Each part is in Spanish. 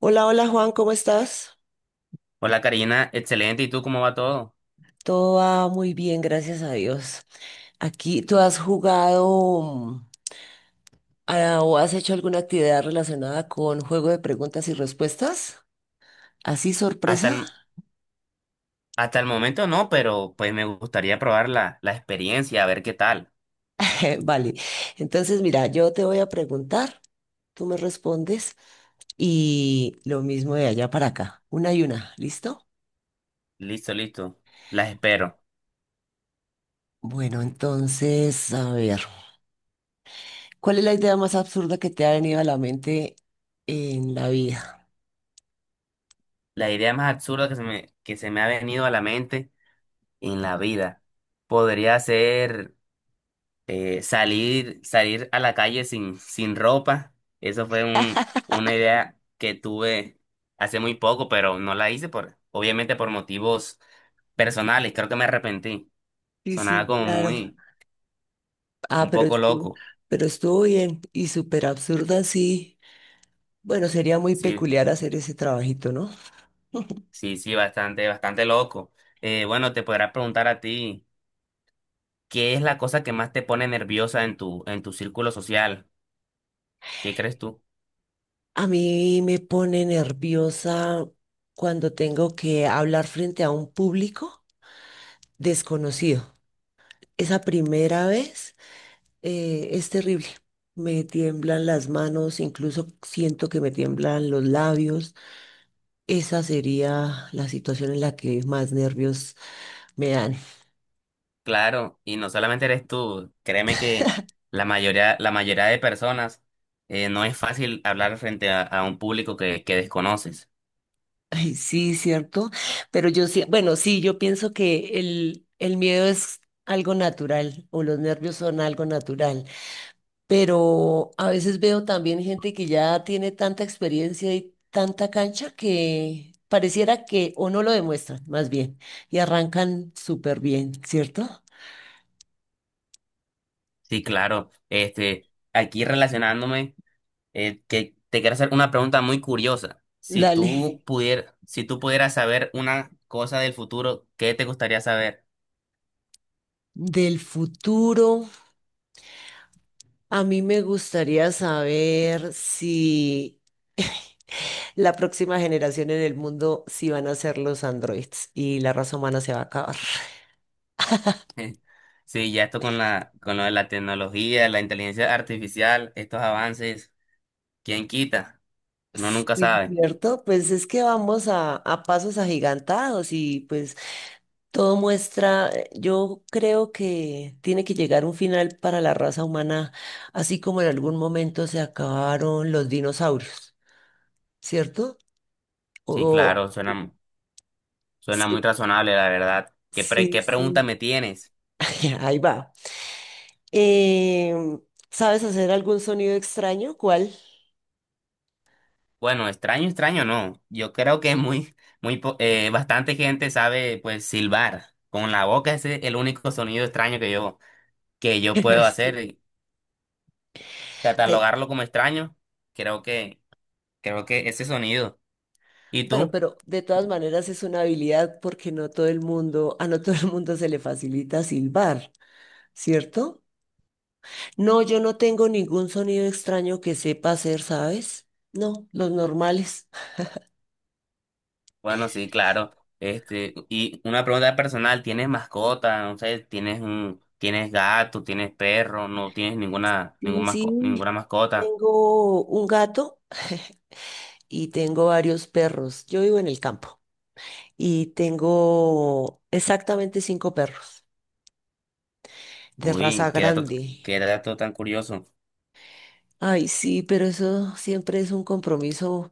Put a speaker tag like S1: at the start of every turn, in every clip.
S1: Hola, hola Juan, ¿cómo estás?
S2: Hola Karina, excelente. ¿Y tú cómo va todo?
S1: Todo va muy bien, gracias a Dios. Aquí, ¿tú has jugado o has hecho alguna actividad relacionada con juego de preguntas y respuestas? ¿Así
S2: Hasta
S1: sorpresa?
S2: el, Hasta el momento no, pero pues me gustaría probar la experiencia, a ver qué tal.
S1: Vale, entonces mira, yo te voy a preguntar, tú me respondes y lo mismo de allá para acá, una y una, ¿listo?
S2: Listo, listo. Las espero.
S1: Bueno, entonces, a ver, ¿cuál es la idea más absurda que te ha venido a la mente en la vida?
S2: La idea más absurda que se me ha venido a la mente en la vida podría ser salir, salir a la calle sin ropa. Eso fue una idea que tuve hace muy poco, pero no la hice por, obviamente por motivos personales. Creo que me arrepentí.
S1: Sí,
S2: Sonaba
S1: sí,
S2: como
S1: claro.
S2: muy
S1: Ah,
S2: un
S1: pero
S2: poco
S1: estuvo,
S2: loco,
S1: pero estuvo bien y súper absurda, sí. Bueno, sería muy
S2: sí,
S1: peculiar hacer ese trabajito, ¿no?
S2: sí, sí, bastante, bastante loco. Bueno, te podrás preguntar a ti, ¿qué es la cosa que más te pone nerviosa en en tu círculo social? ¿Qué crees tú?
S1: A mí me pone nerviosa cuando tengo que hablar frente a un público desconocido. Esa primera vez es terrible. Me tiemblan las manos, incluso siento que me tiemblan los labios. Esa sería la situación en la que más nervios me dan.
S2: Claro, y no solamente eres tú, créeme que la mayoría de personas no es fácil hablar frente a un público que desconoces.
S1: Ay, sí, cierto. Pero yo sí, bueno, sí, yo pienso que el miedo es algo natural o los nervios son algo natural. Pero a veces veo también gente que ya tiene tanta experiencia y tanta cancha que pareciera que o no lo demuestran, más bien, y arrancan súper bien, ¿cierto?
S2: Sí, claro, este, aquí relacionándome. Que te quiero hacer una pregunta muy curiosa.
S1: Dale.
S2: Si tú pudieras saber una cosa del futuro, ¿qué te gustaría saber?
S1: Del futuro, a mí me gustaría saber si la próxima generación en el mundo sí van a ser los androides y la raza humana se va a acabar.
S2: Sí, ya esto con con lo de la tecnología, la inteligencia artificial, estos avances, ¿quién quita? Uno nunca
S1: Sí,
S2: sabe.
S1: cierto, pues es que vamos a pasos agigantados y pues todo muestra, yo creo que tiene que llegar un final para la raza humana, así como en algún momento se acabaron los dinosaurios, ¿cierto?
S2: Sí,
S1: O,
S2: claro,
S1: y-
S2: suena muy
S1: sí,
S2: razonable, la verdad.
S1: sí,
S2: ¿Qué pregunta
S1: sí.
S2: me tienes?
S1: Ahí va. Em, ¿Sabes hacer algún sonido extraño? ¿Cuál?
S2: Bueno, extraño, extraño, no. Yo creo que muy, bastante gente sabe, pues, silbar. Con la boca ese es el único sonido extraño que yo puedo hacer,
S1: Sí.
S2: y
S1: Ay,
S2: catalogarlo como extraño, creo que, creo que ese sonido. ¿Y
S1: bueno,
S2: tú?
S1: pero de todas maneras es una habilidad porque no todo el mundo, a no todo el mundo se le facilita silbar, ¿cierto? No, yo no tengo ningún sonido extraño que sepa hacer, ¿sabes? No, los normales.
S2: Bueno, sí, claro. Este, y una pregunta personal, ¿tienes mascota? No sé, ¿tienes tienes gato, tienes perro, no tienes
S1: Sí, sí,
S2: ninguna mascota?
S1: tengo un gato y tengo varios perros. Yo vivo en el campo y tengo exactamente cinco perros de raza
S2: Uy,
S1: grande.
S2: qué dato tan curioso.
S1: Ay, sí, pero eso siempre es un compromiso.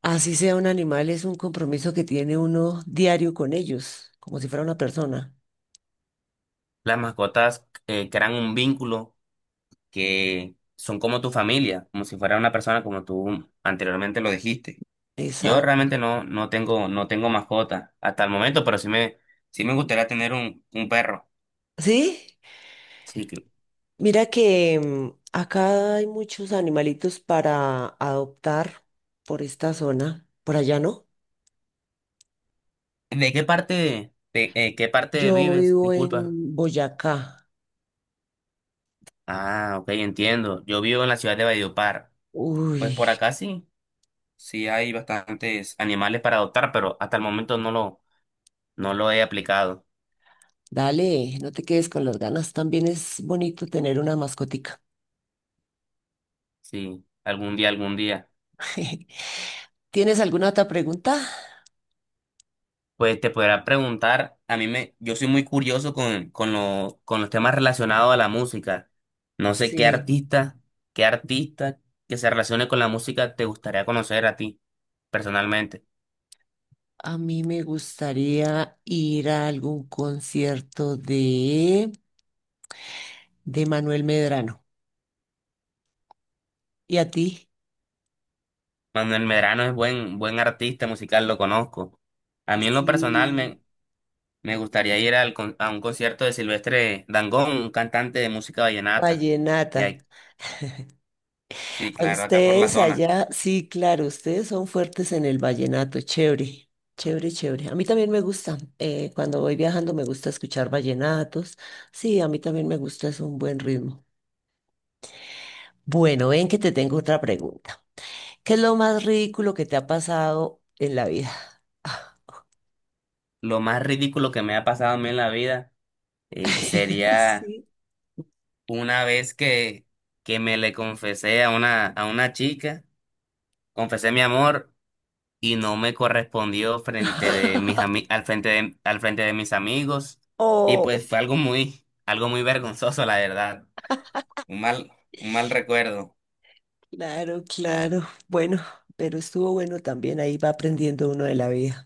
S1: Así sea un animal, es un compromiso que tiene uno diario con ellos, como si fuera una persona.
S2: Las mascotas crean un vínculo que son como tu familia, como si fuera una persona como tú anteriormente lo dijiste. Yo
S1: Exacto.
S2: realmente no, no tengo mascota hasta el momento, pero sí me gustaría tener un perro.
S1: ¿Sí?
S2: Sí, que-
S1: Mira que acá hay muchos animalitos para adoptar por esta zona, por allá no.
S2: ¿De qué parte, qué parte
S1: Yo
S2: vives?
S1: vivo en
S2: Disculpa.
S1: Boyacá.
S2: Ah, ok, entiendo. Yo vivo en la ciudad de Valledupar.
S1: Uy,
S2: Pues por acá sí, sí hay bastantes animales para adoptar, pero hasta el momento no lo he aplicado.
S1: dale, no te quedes con las ganas. También es bonito tener una mascotica.
S2: Sí, algún día, algún día.
S1: ¿Tienes alguna otra pregunta?
S2: Pues te podrá preguntar, a mí me, yo soy muy curioso con los temas relacionados a la música. No sé qué
S1: Sí.
S2: artista, Qué artista que se relacione con la música te gustaría conocer a ti, personalmente.
S1: A mí me gustaría ir a algún concierto de Manuel Medrano. ¿Y a ti?
S2: Manuel Medrano es buen, buen artista musical, lo conozco. A mí en lo personal
S1: Sí.
S2: me, me gustaría ir a un concierto de Silvestre Dangond, un cantante de música vallenata,
S1: Vallenata.
S2: que hay, sí,
S1: ¿A
S2: claro, acá por la
S1: ustedes
S2: zona.
S1: allá? Sí, claro, ustedes son fuertes en el vallenato. Chévere, chévere, chévere. A mí también me gusta. Cuando voy viajando me gusta escuchar vallenatos. Sí, a mí también me gusta, es un buen ritmo. Bueno, ven que te tengo otra pregunta. ¿Qué es lo más ridículo que te ha pasado en la vida?
S2: Lo más ridículo que me ha pasado a mí en la vida sería
S1: Sí.
S2: una vez que me le confesé a a una chica, confesé mi amor y no me correspondió frente de mis ami- al frente de mis amigos. Y
S1: Oh,
S2: pues fue algo muy vergonzoso, la verdad. Un mal, un mal recuerdo.
S1: claro, claro. Bueno, pero estuvo bueno también. Ahí va aprendiendo uno de la vida.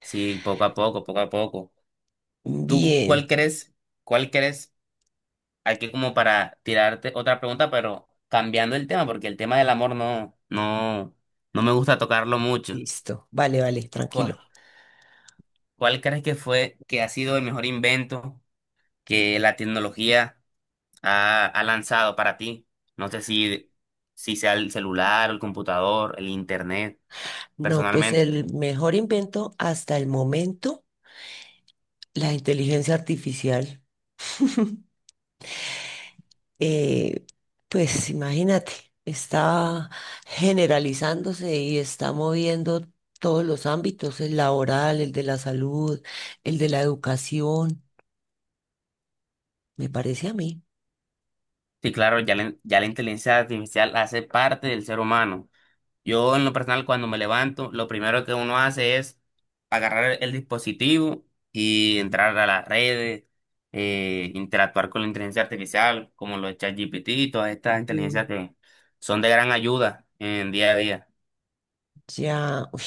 S2: Sí, poco a poco, poco a poco. ¿Tú
S1: Bien,
S2: cuál crees? ¿Cuál crees? Aquí como para tirarte otra pregunta, pero cambiando el tema, porque el tema del amor no, no, no me gusta tocarlo mucho.
S1: listo. Vale, vale,
S2: ¿Cuál?
S1: tranquilo.
S2: Que ha sido el mejor invento que la tecnología ha lanzado para ti? No sé si sea el celular, el computador, el internet,
S1: No, pues
S2: personalmente.
S1: el mejor invento hasta el momento, la inteligencia artificial. Eh, pues imagínate, está generalizándose y está moviendo todos los ámbitos, el laboral, el de la salud, el de la educación, me parece a mí.
S2: Sí, claro, ya la inteligencia artificial hace parte del ser humano. Yo en lo personal cuando me levanto, lo primero que uno hace es agarrar el dispositivo y entrar a las redes, interactuar con la inteligencia artificial, como los ChatGPT y todas estas inteligencias que son de gran ayuda en día a día.
S1: Ya, uy,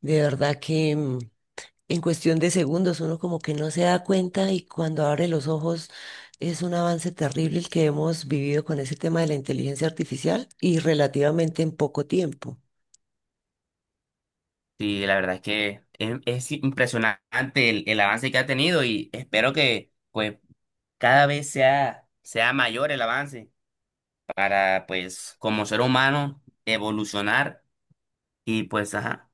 S1: de verdad que en cuestión de segundos uno como que no se da cuenta y cuando abre los ojos es un avance terrible el que hemos vivido con ese tema de la inteligencia artificial y relativamente en poco tiempo.
S2: Y la verdad es que es impresionante el avance que ha tenido y espero que pues cada vez sea mayor el avance para pues como ser humano evolucionar y pues ajá,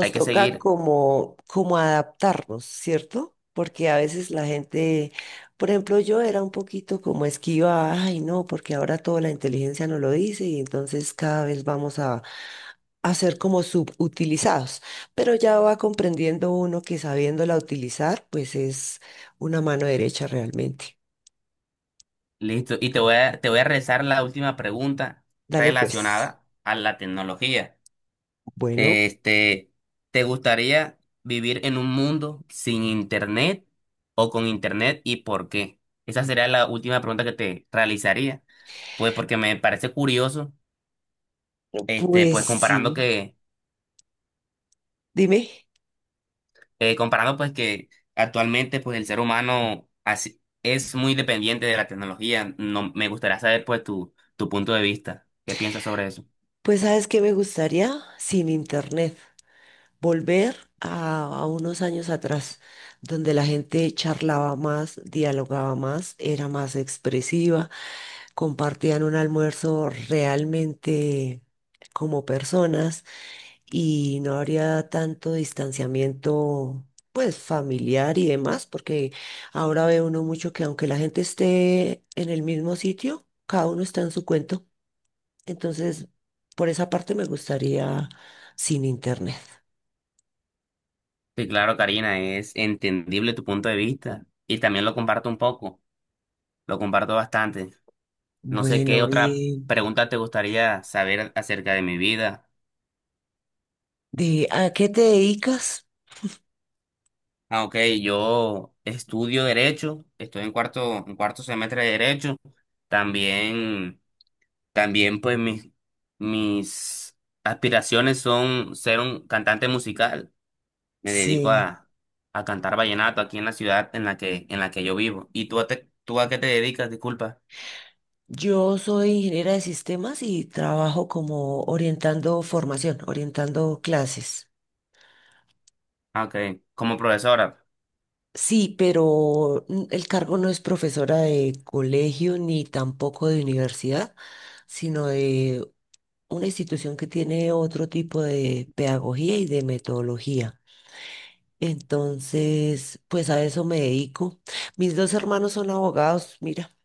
S2: hay que
S1: toca
S2: seguir.
S1: como, como adaptarnos, ¿cierto? Porque a veces la gente, por ejemplo, yo era un poquito como esquiva, ay, no, porque ahora toda la inteligencia nos lo dice y entonces cada vez vamos a ser como subutilizados. Pero ya va comprendiendo uno que sabiéndola utilizar, pues es una mano derecha realmente.
S2: Listo, y te voy a realizar la última pregunta
S1: Dale, pues.
S2: relacionada a la tecnología.
S1: Bueno,
S2: Este, ¿te gustaría vivir en un mundo sin internet o con internet y por qué? Esa sería la última pregunta que te realizaría. Pues porque me parece curioso, este,
S1: pues sí. Dime,
S2: comparando pues que actualmente pues el ser humano así, es muy dependiente de la tecnología. No, me gustaría saber pues tu punto de vista. ¿Qué piensas sobre eso?
S1: pues ¿sabes qué me gustaría sin internet? Volver a unos años atrás, donde la gente charlaba más, dialogaba más, era más expresiva, compartían un almuerzo realmente como personas y no habría tanto distanciamiento, pues familiar y demás, porque ahora ve uno mucho que aunque la gente esté en el mismo sitio, cada uno está en su cuento. Entonces, por esa parte me gustaría sin internet.
S2: Sí, claro, Karina, es entendible tu punto de vista y también lo comparto un poco, lo comparto bastante. No sé qué
S1: Bueno,
S2: otra
S1: bien.
S2: pregunta te gustaría saber acerca de mi vida.
S1: De, ¿a qué te dedicas?
S2: Ah, ok, yo estudio Derecho, estoy en cuarto semestre de Derecho. También, También pues mis aspiraciones son ser un cantante musical. Me dedico
S1: Sí,
S2: a, a cantar vallenato aquí en la ciudad en en la que yo vivo. ¿Tú a qué te dedicas? Disculpa.
S1: yo soy ingeniera de sistemas y trabajo como orientando formación, orientando clases.
S2: Ah, ok, como profesora.
S1: Sí, pero el cargo no es profesora de colegio ni tampoco de universidad, sino de una institución que tiene otro tipo de pedagogía y de metodología. Entonces, pues a eso me dedico. Mis dos hermanos son abogados, mira,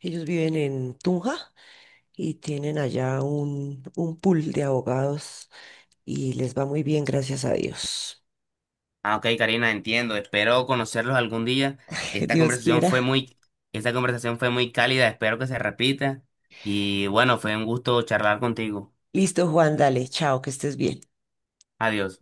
S1: ellos viven en Tunja y tienen allá un pool de abogados y les va muy bien, gracias a Dios.
S2: Ah, ok, Karina, entiendo. Espero conocerlos algún día. Esta
S1: Dios
S2: conversación fue
S1: quiera.
S2: muy, Esta conversación fue muy cálida. Espero que se repita. Y bueno, fue un gusto charlar contigo.
S1: Listo, Juan, dale, chao, que estés bien.
S2: Adiós.